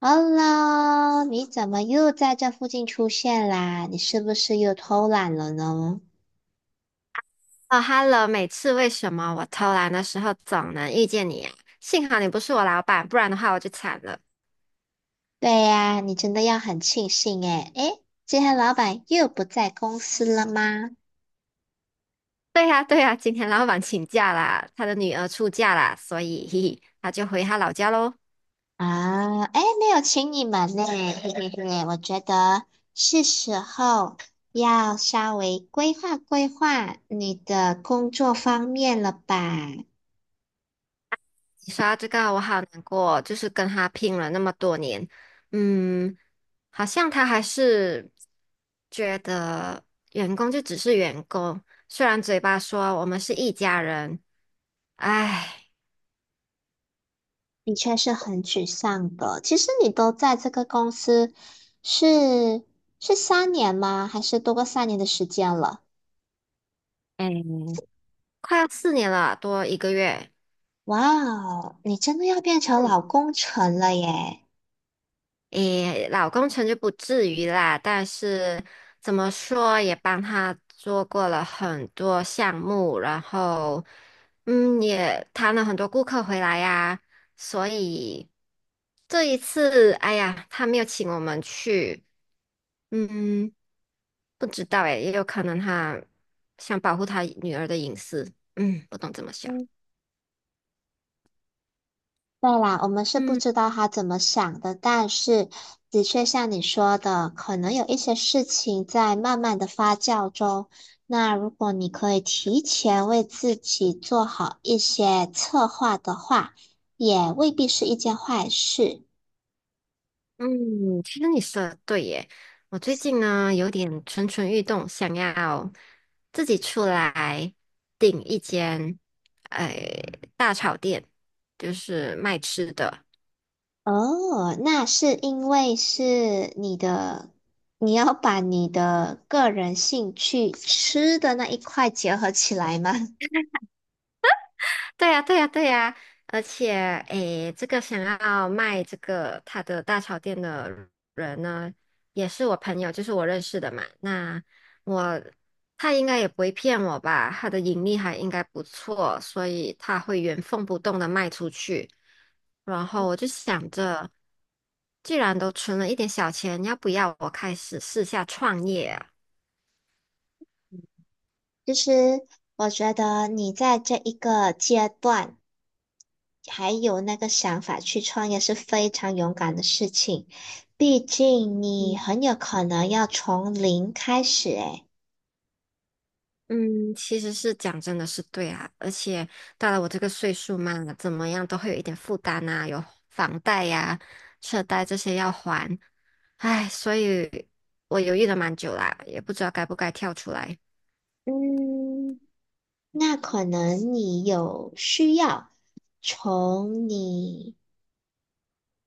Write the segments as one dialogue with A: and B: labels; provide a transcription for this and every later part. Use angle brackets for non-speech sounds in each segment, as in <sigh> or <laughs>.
A: Hello,你怎么又在这附近出现啦？你是不是又偷懒了呢？
B: 哦，Hello，每次为什么我偷懒的时候总能遇见你呀。幸好你不是我老板，不然的话我就惨了。
A: 对呀，你真的要很庆幸诶。诶，今天老板又不在公司了吗？
B: 对呀，对呀，今天老板请假啦，他的女儿出嫁啦，所以嘿嘿，他就回他老家喽。
A: 啊，诶，没有请你们呢，嘿嘿嘿，我觉得是时候要稍微规划规划你的工作方面了吧？
B: 你说到这个，我好难过，就是跟他拼了那么多年，嗯，好像他还是觉得员工就只是员工，虽然嘴巴说我们是一家人，唉。
A: 的确是很沮丧的。其实你都在这个公司是是三年吗？还是多过三年的时间了？
B: 嗯，快要4年了，多一个月。
A: 哇哦，你真的要变成
B: 嗯，
A: 老工程了耶！
B: 诶，老工程就不至于啦，但是怎么说也帮他做过了很多项目，然后也谈了很多顾客回来呀，所以这一次，哎呀，他没有请我们去，嗯，不知道诶，也有可能他想保护他女儿的隐私，不懂怎么想，
A: 嗯，对啦，我们是不
B: 嗯。
A: 知道他怎么想的，但是的确像你说的，可能有一些事情在慢慢的发酵中。那如果你可以提前为自己做好一些策划的话，也未必是一件坏事。
B: 嗯，其实你说的对耶。我最近呢有点蠢蠢欲动，想要自己出来订一间，哎，大炒店，就是卖吃的。
A: 哦，那是因为是你的，你要把你的个人兴趣吃的那一块结合起来吗？
B: 对呀，对呀，对呀，而且，诶，这个想要卖这个他的大潮店的人呢，也是我朋友，就是我认识的嘛。那我他应该也不会骗我吧？他的盈利还应该不错，所以他会原封不动的卖出去。然后我就想着，既然都存了一点小钱，要不要我开始试下创业啊？
A: <laughs> 就是我觉得你在这一个阶段还有那个想法去创业是非常勇敢的事情，毕竟你很有可能要从零开始，诶，
B: 嗯，其实是讲真的是对啊，而且到了我这个岁数嘛，怎么样都会有一点负担啊，有房贷呀、车贷这些要还，唉，所以我犹豫了蛮久啦，也不知道该不该跳出来。
A: 嗯，那可能你有需要从你。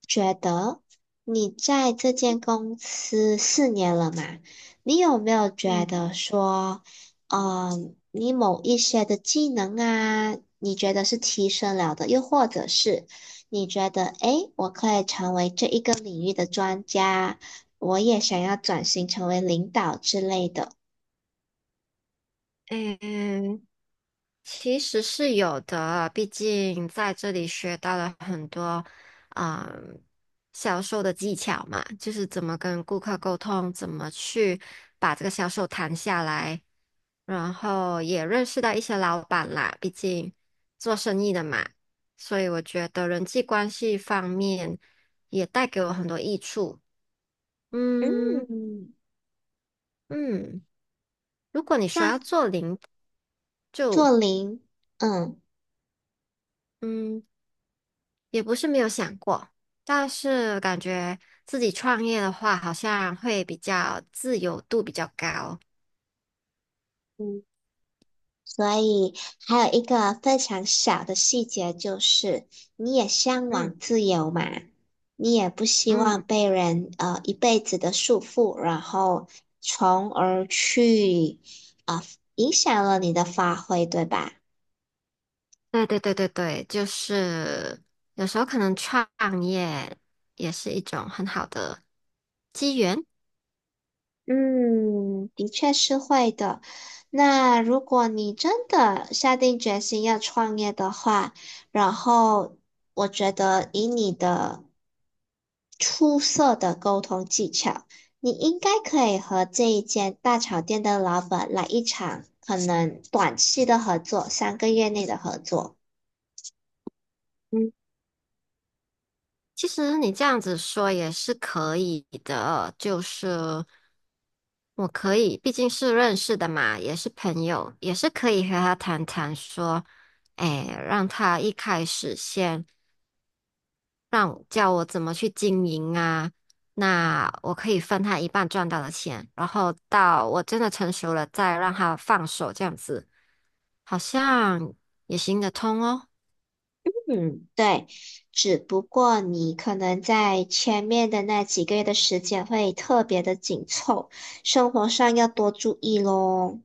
A: 觉得你在这间公司4年了嘛，你有没有觉
B: 嗯，
A: 得说，嗯，你某一些的技能啊，你觉得是提升了的，又或者是你觉得，诶，我可以成为这一个领域的专家，我也想要转型成为领导之类的。
B: 嗯。其实是有的，毕竟在这里学到了很多，嗯，销售的技巧嘛，就是怎么跟顾客沟通，怎么去把这个销售谈下来，然后也认识到一些老板啦，毕竟做生意的嘛，所以我觉得人际关系方面也带给我很多益处。嗯
A: 嗯，
B: 嗯，如果你说要
A: 那
B: 做零，
A: 做零，嗯。
B: 嗯。也不是没有想过，但是感觉自己创业的话，好像会比较自由度比较高。
A: 所以还有一个非常小的细节就是，你也向
B: 嗯
A: 往自由嘛，你也不希
B: 嗯，
A: 望被人一辈子的束缚，然后从而去啊、呃影响了你的发挥，对吧？
B: 对对对对对，就是有时候可能创业也是一种很好的机缘。
A: 嗯，的确是会的。那如果你真的下定决心要创业的话，然后我觉得以你的出色的沟通技巧，你应该可以和这一间大炒店的老板来一场可能短期的合作，3个月内的合作。
B: 嗯，其实你这样子说也是可以的，就是我可以，毕竟是认识的嘛，也是朋友，也是可以和他谈谈说，哎，让他一开始先。让叫我怎么去经营啊。那我可以分他一半赚到的钱，然后到我真的成熟了再让他放手，这样子好像也行得通哦。
A: 嗯，对，只不过你可能在前面的那几个月的时间会特别的紧凑，生活上要多注意咯。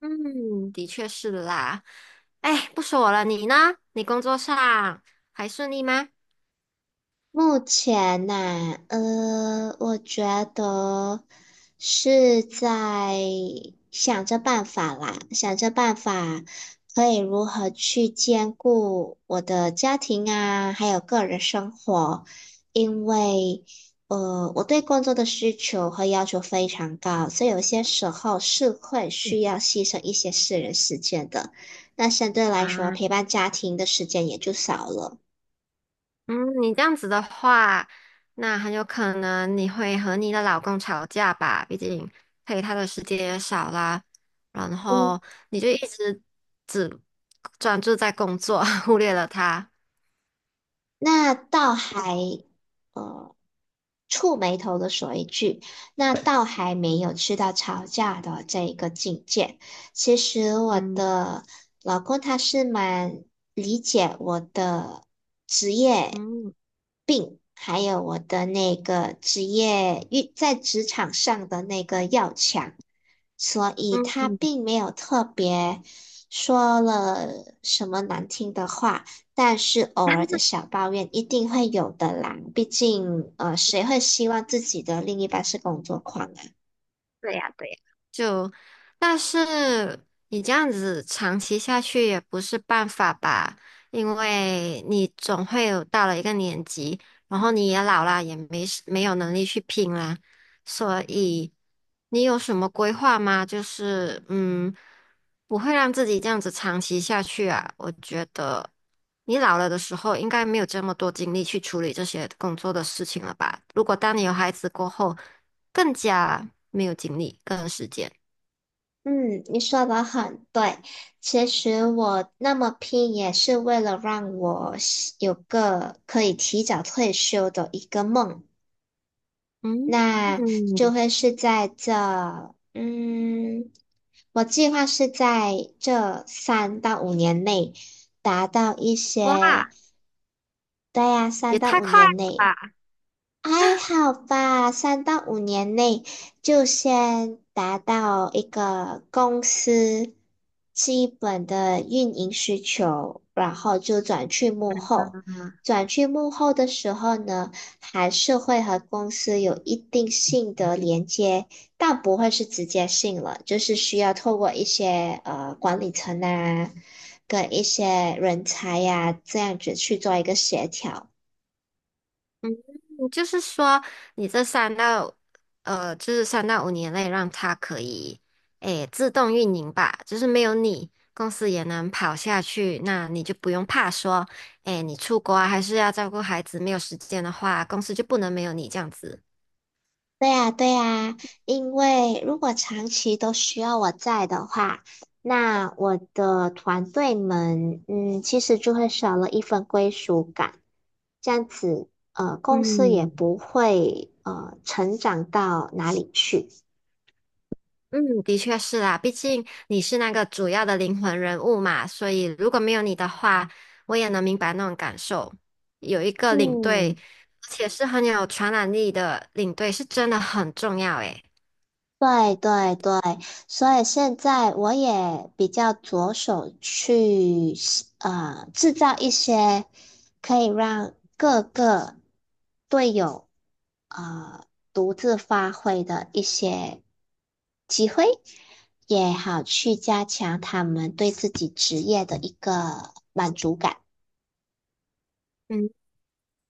B: 嗯，的确是啦。哎，不说我了，你呢？你工作上还顺利吗？
A: 目前呢,我觉得是在想着办法啦，想着办法可以如何去兼顾我的家庭啊，还有个人生活，因为我对工作的需求和要求非常高，所以有些时候是会
B: 嗯
A: 需要牺牲一些私人时间的，那相对来说，
B: 啊，
A: 陪伴家庭的时间也就少了。
B: 嗯，你这样子的话，那很有可能你会和你的老公吵架吧？毕竟陪他的时间也少啦，然
A: 嗯。
B: 后你就一直只专注在工作，<laughs> 忽略了他。
A: 那倒还呃触眉头的说一句，那倒还没有去到吵架的这一个境界。其实我
B: 嗯
A: 的老公他是蛮理解我的职业
B: 嗯。
A: 病，还有我的那个职业遇在职场上的那个要强，所以他
B: 嗯。
A: 并没有特别说了什么难听的话。但是偶尔的小抱怨一定会有的啦，毕竟,谁会希望自己的另一半是工作狂啊？
B: 对呀，对呀，就，但是你这样子长期下去也不是办法吧，因为你总会有到了一个年纪，然后你也老啦，也没有能力去拼啦，所以你有什么规划吗？就是不会让自己这样子长期下去啊，我觉得你老了的时候应该没有这么多精力去处理这些工作的事情了吧？如果当你有孩子过后。更加没有精力，更有时间。
A: 嗯，你说的很对。其实我那么拼也是为了让我有个可以提早退休的一个梦，
B: 嗯，
A: 那就会是在这，嗯，我计划是在这三到五年内达到一
B: 哇，
A: 些，对呀，三
B: 也
A: 到
B: 太
A: 五
B: 快
A: 年
B: 了
A: 内。
B: 吧！
A: 还好吧，三到五年内就先达到一个公司基本的运营需求，然后就转去幕后。转去幕后的时候呢，还是会和公司有一定性的连接，但不会是直接性了，就是需要透过一些管理层啊，跟一些人才呀、这样子去做一个协调。
B: 你就是说，你这三到就是3到5年内让它可以诶自动运营吧，就是没有你，公司也能跑下去，那你就不用怕说，诶，你出国啊，还是要照顾孩子，没有时间的话，公司就不能没有你这样子。
A: 对呀，对呀，因为如果长期都需要我在的话，那我的团队们，嗯，其实就会少了一份归属感。这样子，公司也
B: 嗯，
A: 不会成长到哪里去。
B: 嗯，的确是啦，毕竟你是那个主要的灵魂人物嘛，所以如果没有你的话，我也能明白那种感受。有一个领队，
A: 嗯，
B: 而且是很有传染力的领队，是真的很重要诶。
A: 对对对，所以现在我也比较着手去制造一些可以让各个队友呃独自发挥的一些机会，也好去加强他们对自己职业的一个满足感。
B: 嗯，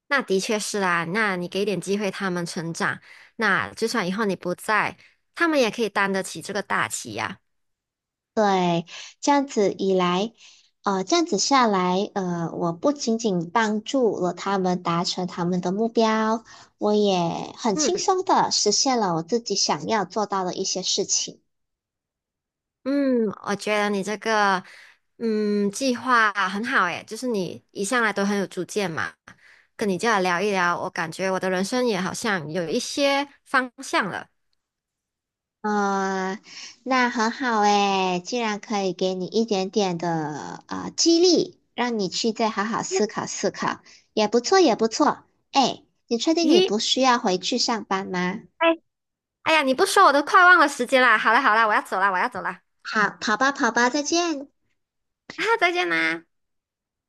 B: 那的确是啦，那你给点机会他们成长，那就算以后你不在，他们也可以担得起这个大旗呀。
A: 对，这样子以来，这样子下来，我不仅仅帮助了他们达成他们的目标，我也很轻
B: 嗯
A: 松的实现了我自己想要做到的一些事情。
B: 嗯，我觉得你这个计划很好诶，就是你一向来都很有主见嘛。跟你这样聊一聊，我感觉我的人生也好像有一些方向了。
A: 啊、那很好诶，既然可以给你一点点的激励，让你去再好好思
B: <laughs>
A: 考思考，也不错，也不错。哎，你确定你
B: 咦，
A: 不需要回去上班吗？
B: 哎，哎呀，你不说我都快忘了时间啦。好啦好啦，我要走啦，我要走啦。
A: 好，跑吧，跑吧，再见。
B: 啊，再见啦。